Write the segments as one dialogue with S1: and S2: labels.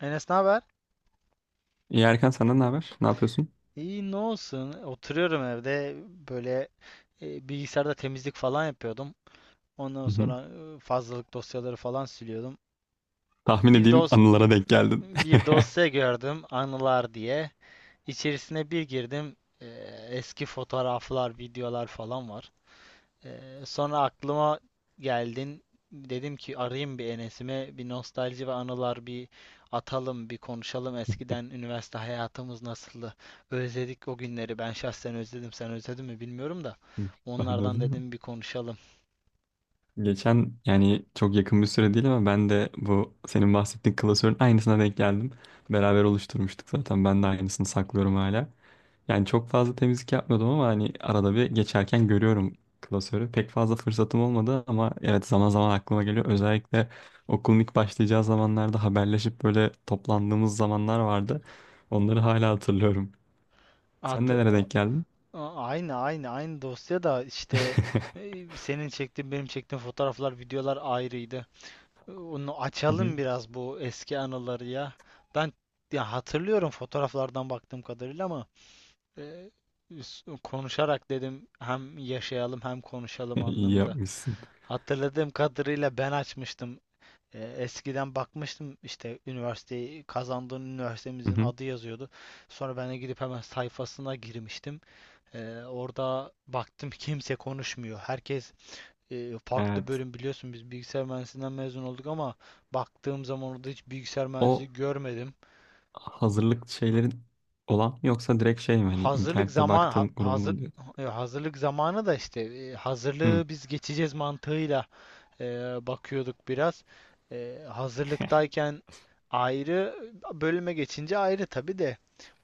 S1: Enes ne haber?
S2: İyi Erkan senden ne haber? Ne yapıyorsun?
S1: İyi ne olsun? Oturuyorum evde böyle. Bilgisayarda temizlik falan yapıyordum. Ondan
S2: Hı hı.
S1: sonra fazlalık dosyaları falan siliyordum.
S2: Tahmin
S1: Bir
S2: edeyim
S1: dos bi-
S2: anılara denk geldin.
S1: Bir dosya gördüm anılar diye. İçerisine bir girdim. e, Eski fotoğraflar, videolar falan var. Sonra aklıma geldin. Dedim ki arayayım bir Enes'ime. Bir nostalji ve anılar bir atalım, bir konuşalım. Eskiden üniversite hayatımız nasıldı? Özledik o günleri. Ben şahsen özledim. Sen özledin mi bilmiyorum da.
S2: Ben de öyle
S1: Onlardan
S2: mi?
S1: dedim bir konuşalım.
S2: Geçen, yani çok yakın bir süre değil, ama ben de bu senin bahsettiğin klasörün aynısına denk geldim. Beraber oluşturmuştuk zaten. Ben de aynısını saklıyorum hala. Yani çok fazla temizlik yapmıyordum ama hani arada bir geçerken görüyorum klasörü. Pek fazla fırsatım olmadı ama evet, zaman zaman aklıma geliyor. Özellikle okulun ilk başlayacağı zamanlarda haberleşip böyle toplandığımız zamanlar vardı. Onları hala hatırlıyorum. Sen
S1: Atı
S2: nelere denk geldin?
S1: A- aynı aynı aynı dosya da işte, senin çektiğin benim çektiğim fotoğraflar, videolar ayrıydı. Onu
S2: Hı hı.
S1: açalım biraz bu eski anıları ya. Ben ya hatırlıyorum fotoğraflardan baktığım kadarıyla ama e, konuşarak dedim hem yaşayalım hem konuşalım
S2: İyi
S1: anlamında.
S2: yapmışsın.
S1: Hatırladığım kadarıyla ben açmıştım. Eskiden bakmıştım işte üniversiteyi kazandığın
S2: Hı
S1: üniversitemizin
S2: hı.
S1: adı yazıyordu. Sonra ben de gidip hemen sayfasına girmiştim. Orada baktım kimse konuşmuyor. Herkes farklı
S2: Evet.
S1: bölüm, biliyorsun biz bilgisayar mühendisliğinden mezun olduk ama baktığım zaman orada hiç bilgisayar
S2: O
S1: mühendisi görmedim.
S2: hazırlık şeylerin olan mı, yoksa direkt şey mi? Hani
S1: Hazırlık
S2: internette
S1: zaman ha-
S2: baktığın grubu
S1: hazır
S2: mu diyor?
S1: hazırlık zamanı da işte,
S2: Hı.
S1: hazırlığı biz geçeceğiz mantığıyla e, bakıyorduk biraz. Hazırlıktayken ayrı, bölüme geçince ayrı tabii de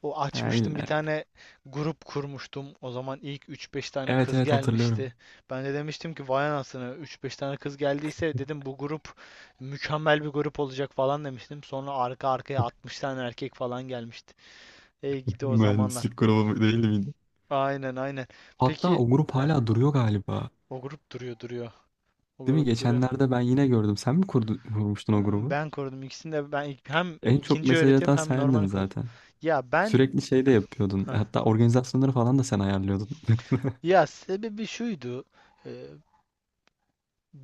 S1: o
S2: Ha,
S1: açmıştım bir
S2: illa.
S1: tane grup kurmuştum. O zaman ilk üç beş tane
S2: Evet
S1: kız
S2: evet,
S1: gelmişti.
S2: hatırlıyorum.
S1: Ben de demiştim ki vay anasını, üç beş tane kız geldiyse dedim bu grup mükemmel bir grup olacak falan demiştim. Sonra arka arkaya 60 tane erkek falan gelmişti. Ey gidi o zamanlar.
S2: Mühendislik grubu mu- değil miydi?
S1: Aynen aynen.
S2: Hatta
S1: Peki
S2: o grup
S1: heh,
S2: hala duruyor galiba.
S1: o grup duruyor. O
S2: Değil mi?
S1: grup duruyor.
S2: Geçenlerde ben yine gördüm. Sen mi kurdu, kurmuştun o grubu?
S1: Ben korudum ikisini de, hem
S2: En çok
S1: ikinci
S2: mesaj
S1: öğretim
S2: atan
S1: hem
S2: sendin
S1: normal korudum.
S2: zaten.
S1: Ya ben,
S2: Sürekli şey de yapıyordun.
S1: heh,
S2: Hatta organizasyonları falan da sen ayarlıyordun.
S1: ya sebebi şuydu. Ee,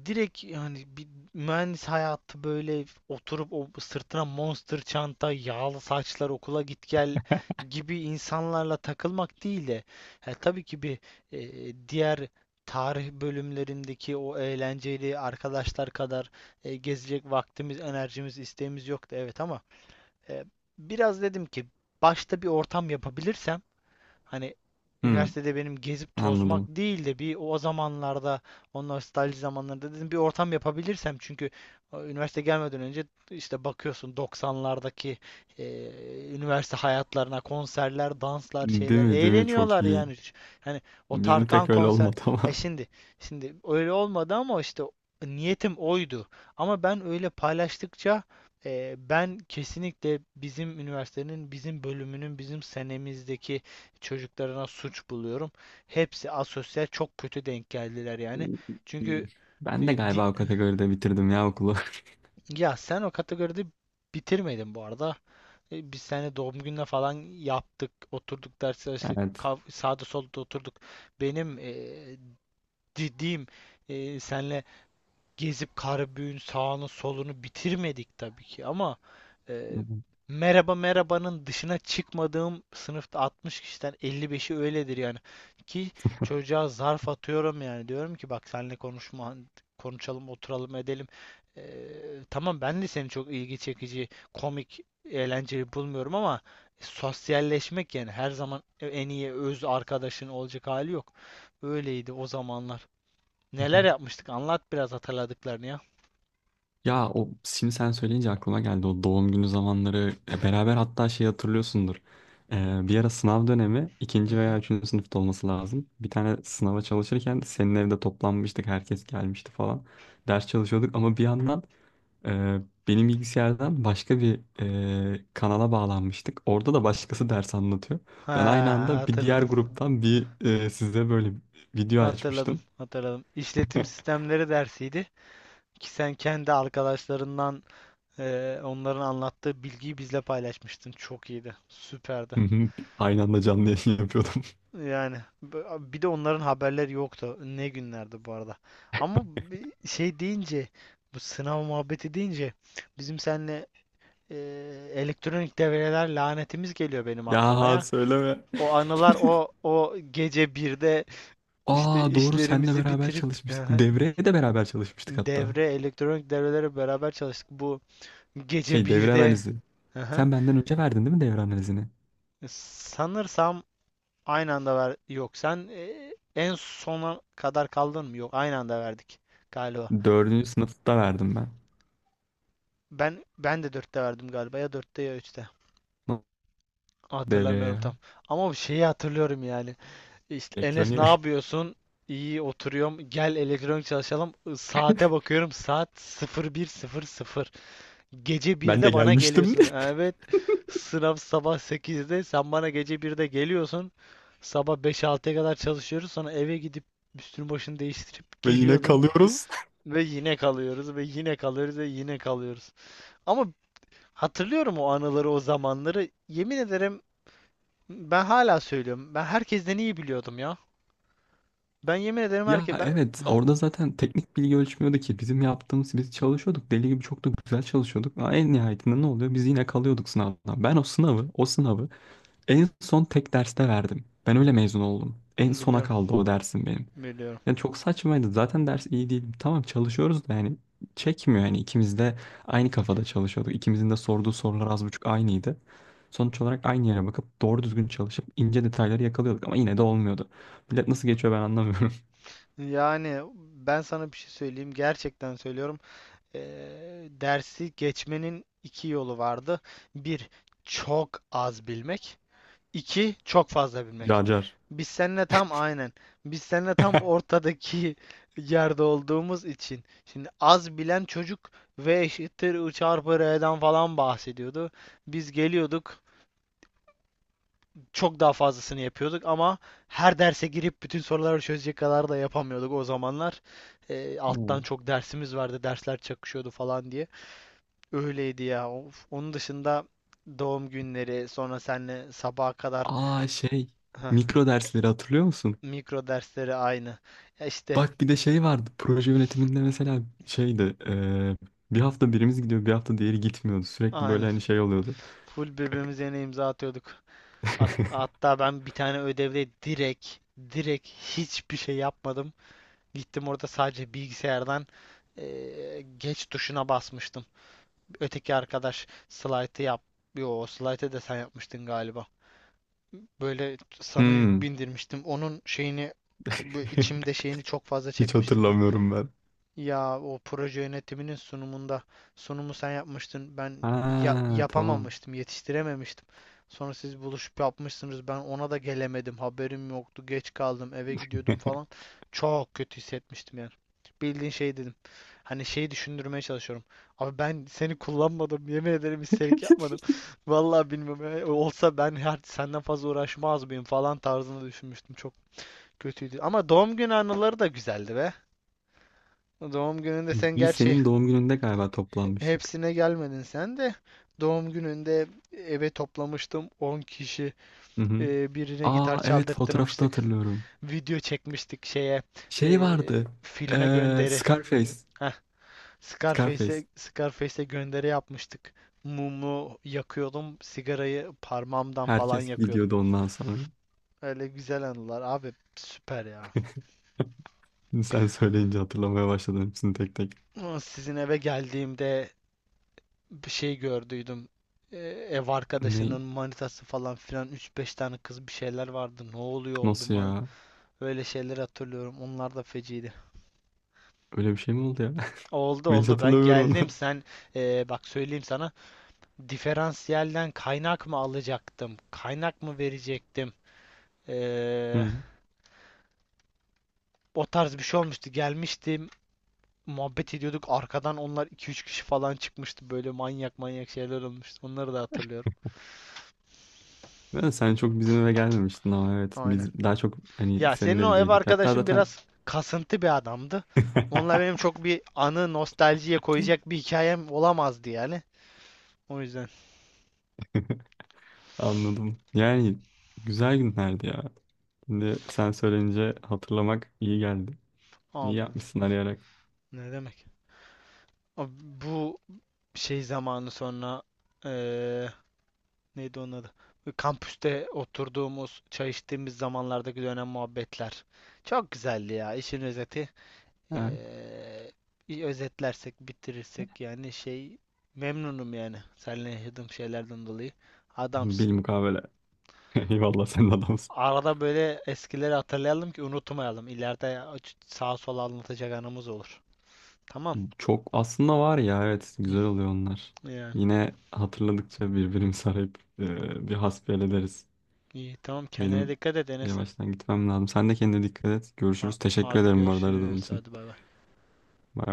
S1: Direkt yani bir mühendis hayatı böyle oturup o sırtına monster çanta, yağlı saçlar, okula git gel gibi insanlarla takılmak değil de, ha, tabii ki bir diğer tarih bölümlerindeki o eğlenceli arkadaşlar kadar gezecek vaktimiz, enerjimiz, isteğimiz yoktu, evet, ama e, biraz dedim ki başta bir ortam yapabilirsem. Hani
S2: Hı,
S1: üniversitede benim gezip tozmak
S2: anladım.
S1: değil de bir o zamanlarda, o nostalji zamanlarında dedim bir ortam yapabilirsem, çünkü üniversite gelmeden önce işte bakıyorsun 90'lardaki e, üniversite hayatlarına konserler, danslar,
S2: Değil
S1: şeyler,
S2: mi? Değil mi? Çok
S1: eğleniyorlar
S2: iyi.
S1: yani. Ş- Hani o
S2: Bizim
S1: Tarkan
S2: pek öyle
S1: konser
S2: olmadı
S1: e
S2: ama.
S1: şimdi Şimdi öyle olmadı ama işte niyetim oydu. Ama ben öyle paylaştıkça, ben kesinlikle bizim üniversitenin, bizim bölümünün, bizim senemizdeki çocuklarına suç buluyorum. Hepsi asosyal, çok kötü denk geldiler yani. Çünkü
S2: Ben de
S1: e, di-
S2: galiba o kategoride bitirdim ya okulu.
S1: ya sen o kategoride bitirmedin bu arada. Biz seninle doğum gününe falan yaptık, oturduk, ders çalıştık,
S2: Evet.
S1: sağda solda oturduk. Benim dediğim, senle gezip Karabük'ün sağını solunu bitirmedik tabii ki ama e, merhaba merhabanın dışına çıkmadığım sınıfta 60 kişiden 55'i öyledir yani. Ki çocuğa zarf atıyorum yani, diyorum ki bak seninle konuşma, konuşalım, oturalım, edelim. Tamam ben de seni çok ilgi çekici, komik, eğlenceli bulmuyorum ama sosyalleşmek yani, her zaman en iyi öz arkadaşın olacak hali yok. Öyleydi o zamanlar. Neler yapmıştık? Anlat biraz hatırladıklarını ya.
S2: Ya o şimdi sen söyleyince aklıma geldi o doğum günü zamanları. Beraber, hatta şey, hatırlıyorsundur. Bir ara sınav dönemi,
S1: Hı
S2: ikinci
S1: hı.
S2: veya üçüncü sınıfta olması lazım. Bir tane sınava çalışırken senin evde toplanmıştık, herkes gelmişti falan. Ders çalışıyorduk ama bir yandan Ee, benim bilgisayardan başka bir kanala bağlanmıştık. Orada da başkası ders anlatıyor.
S1: Ha,
S2: Ben aynı anda bir diğer
S1: hatırladım.
S2: gruptan bir size böyle video
S1: Hatırladım.
S2: açmıştım.
S1: Hatırladım. İşletim sistemleri dersiydi ki sen kendi arkadaşlarından, onların anlattığı bilgiyi bizle paylaşmıştın. Çok iyiydi. Süperdi.
S2: Hı hı, aynı anda canlı yayın yapıyordum.
S1: Yani bir de onların haberleri yoktu. Ne günlerdi bu arada. Ama bi- şey deyince Bu sınav muhabbeti deyince bizim seninle elektronik devreler lanetimiz geliyor benim aklıma
S2: Ya
S1: ya.
S2: söyleme.
S1: O anılar, o gece birde işte
S2: Aa doğru, senle
S1: işlerimizi
S2: beraber
S1: bitirip,
S2: çalışmıştık.
S1: aha,
S2: Devreye de beraber çalışmıştık hatta.
S1: devre, elektronik devrelere beraber çalıştık. Bu gece
S2: Şey, devre
S1: birde,
S2: analizi.
S1: aha,
S2: Sen benden önce verdin değil mi devre analizini?
S1: sanırsam aynı anda ver. Yok, sen en sona kadar kaldın mı? Yok, aynı anda verdik galiba.
S2: Dördüncü sınıfta verdim ben.
S1: Ben, ben de dörtte verdim galiba, ya dörtte ya üçte.
S2: Devreye
S1: Hatırlamıyorum
S2: ya.
S1: tam. Ama bir şeyi hatırlıyorum yani. İşte, Enes ne
S2: Elektroniğe.
S1: yapıyorsun? İyi, oturuyorum. Gel elektronik çalışalım. Saate bakıyorum. Saat 01:00. Gece
S2: Ben de
S1: birde bana
S2: gelmiştim
S1: geliyorsun. Evet. Sınav sabah sekizde, sen bana gece birde geliyorsun. Sabah beş 6'ya kadar çalışıyoruz. Sonra eve gidip üstünü başını değiştirip
S2: ve yine
S1: geliyordun.
S2: kalıyoruz.
S1: Ve yine kalıyoruz. Ve yine kalıyoruz. Ve yine kalıyoruz. Ama hatırlıyorum o anıları, o zamanları. Yemin ederim, ben hala söylüyorum. Ben herkesten iyi biliyordum ya. Ben yemin ederim
S2: Ya
S1: herke ben
S2: evet, orada zaten teknik bilgi ölçmüyordu ki bizim yaptığımız. Biz çalışıyorduk deli gibi, çok da güzel çalışıyorduk ama en nihayetinde ne oluyor, biz yine kalıyorduk sınavdan. Ben o sınavı en son tek derste verdim. Ben öyle mezun oldum. En sona
S1: Biliyorum,
S2: kaldı o dersim benim.
S1: biliyorum.
S2: Yani çok saçmaydı zaten, ders iyi değil, tamam çalışıyoruz da yani çekmiyor. Yani ikimiz de aynı kafada çalışıyorduk. İkimizin de sorduğu sorular az buçuk aynıydı. Sonuç olarak aynı yere bakıp doğru düzgün çalışıp ince detayları yakalıyorduk ama yine de olmuyordu. Millet nasıl geçiyor, ben anlamıyorum.
S1: Yani ben sana bir şey söyleyeyim. Gerçekten söylüyorum. Dersi geçmenin iki yolu vardı. Bir, çok az bilmek. İki, çok fazla bilmek.
S2: Car car.
S1: Biz seninle tam aynen. Biz seninle tam ortadaki yerde olduğumuz için. Şimdi az bilen çocuk V eşittir I çarpı R'den falan bahsediyordu. Biz geliyorduk, çok daha fazlasını yapıyorduk ama her derse girip bütün soruları çözecek kadar da yapamıyorduk o zamanlar. Alttan
S2: Hmm.
S1: çok dersimiz vardı, dersler çakışıyordu falan diye. Öyleydi ya. Of. Onun dışında doğum günleri, sonra seninle sabaha kadar,
S2: Aa şey,
S1: heh,
S2: mikro dersleri hatırlıyor musun?
S1: mikro dersleri aynı. Ya işte
S2: Bak bir de şey vardı, proje yönetiminde mesela, şeydi bir hafta birimiz gidiyor, bir hafta diğeri gitmiyordu. Sürekli böyle
S1: aynı.
S2: hani şey oluyordu.
S1: Full birbirimize yine imza atıyorduk. Hatta ben bir tane ödevde direkt hiçbir şey yapmadım. Gittim orada sadece bilgisayardan, geç tuşuna basmıştım. Öteki arkadaş slaytı yap. Yo, slaytı da sen yapmıştın galiba. Böyle sana yük
S2: Hmm.
S1: bindirmiştim. Onun şeyini içimde şeyini çok fazla
S2: Hiç
S1: çekmiştim.
S2: hatırlamıyorum ben.
S1: Ya o proje yönetiminin sunumunda sunumu sen yapmıştın. Ben
S2: Ha tamam.
S1: yapamamıştım, yetiştirememiştim. Sonra siz buluşup yapmışsınız. Ben ona da gelemedim. Haberim yoktu. Geç kaldım. Eve gidiyordum falan. Çok kötü hissetmiştim yani. Bildiğin şey dedim. Hani şeyi düşündürmeye çalışıyorum. Abi, ben seni kullanmadım. Yemin ederim, isterik yapmadım. Vallahi bilmiyorum ya. Olsa ben her senden fazla uğraşmaz mıyım falan tarzında düşünmüştüm. Çok kötüydü. Ama doğum günü anıları da güzeldi be. Doğum gününde sen
S2: Biz
S1: gerçi
S2: senin doğum gününde galiba toplanmıştık.
S1: Hepsine gelmedin sen de. Doğum gününde eve toplamıştım 10 kişi.
S2: Hı hı.
S1: Birine gitar
S2: Aa evet, fotoğrafı da
S1: çaldırttırmıştık.
S2: hatırlıyorum.
S1: Video çekmiştik şeye,
S2: Şey vardı.
S1: filme gönderi.
S2: Scarface.
S1: Heh,
S2: Scarface.
S1: Scarface'e gönderi yapmıştık. Mumu yakıyordum. Sigarayı parmağımdan falan
S2: Herkes
S1: yakıyordum.
S2: gidiyordu ondan sonra.
S1: Öyle güzel anılar abi, süper ya.
S2: Şimdi sen söyleyince hatırlamaya başladım hepsini tek tek.
S1: Sizin eve geldiğimde bir şey gördüydüm. E, Ev arkadaşının
S2: Ne?
S1: manitası falan filan, üç beş tane kız, bir şeyler vardı. Ne oluyor oldum?
S2: Nasıl
S1: Ha?
S2: ya?
S1: Öyle şeyler hatırlıyorum. Onlar da feciydi.
S2: Öyle bir şey mi oldu ya?
S1: Oldu
S2: Ben hiç
S1: oldu ben
S2: hatırlamıyorum
S1: geldim,
S2: onu.
S1: sen, bak söyleyeyim sana, diferansiyelden kaynak mı alacaktım? Kaynak mı verecektim? E,
S2: Hı.
S1: O tarz bir şey olmuştu. Gelmiştim, muhabbet ediyorduk. Arkadan onlar iki üç kişi falan çıkmıştı. Böyle manyak manyak şeyler olmuştu. Onları da hatırlıyorum.
S2: Ben, sen çok bizim eve gelmemiştin ama evet,
S1: Aynen.
S2: biz daha çok hani
S1: Ya
S2: senin
S1: senin o ev
S2: evindeydik. Hatta
S1: arkadaşın
S2: zaten
S1: biraz kasıntı bir adamdı. Onunla benim çok bir anı nostaljiye koyacak bir hikayem olamazdı yani. O yüzden,
S2: anladım. Yani güzel günlerdi ya. Şimdi sen söyleyince hatırlamak iyi geldi. İyi
S1: abi,
S2: yapmışsın arayarak.
S1: ne demek? Abi, bu şey zamanı sonra eee, neydi onun adı? Kampüste oturduğumuz, çay içtiğimiz zamanlardaki dönem muhabbetler. Çok güzeldi ya. İşin özeti,
S2: Evet.
S1: eee, bir özetlersek, bitirirsek, yani şey, memnunum yani. Seninle yaşadığım şeylerden dolayı. Adamsın.
S2: Bilmukabele. Eyvallah, sen de adamsın.
S1: Arada böyle eskileri hatırlayalım ki unutmayalım. İleride sağa sola anlatacak anımız olur. Tamam.
S2: Çok aslında var ya, evet güzel oluyor onlar.
S1: Hı, yani.
S2: Yine hatırladıkça birbirimizi arayıp bir hasbihal ederiz.
S1: İyi, tamam, kendine
S2: Benim
S1: dikkat et Enes'im.
S2: yavaştan gitmem lazım. Sen de kendine dikkat et. Görüşürüz. Teşekkür
S1: Hadi
S2: ederim bu arada aradığın
S1: görüşürüz.
S2: için.
S1: Hadi bay bay.
S2: Bye.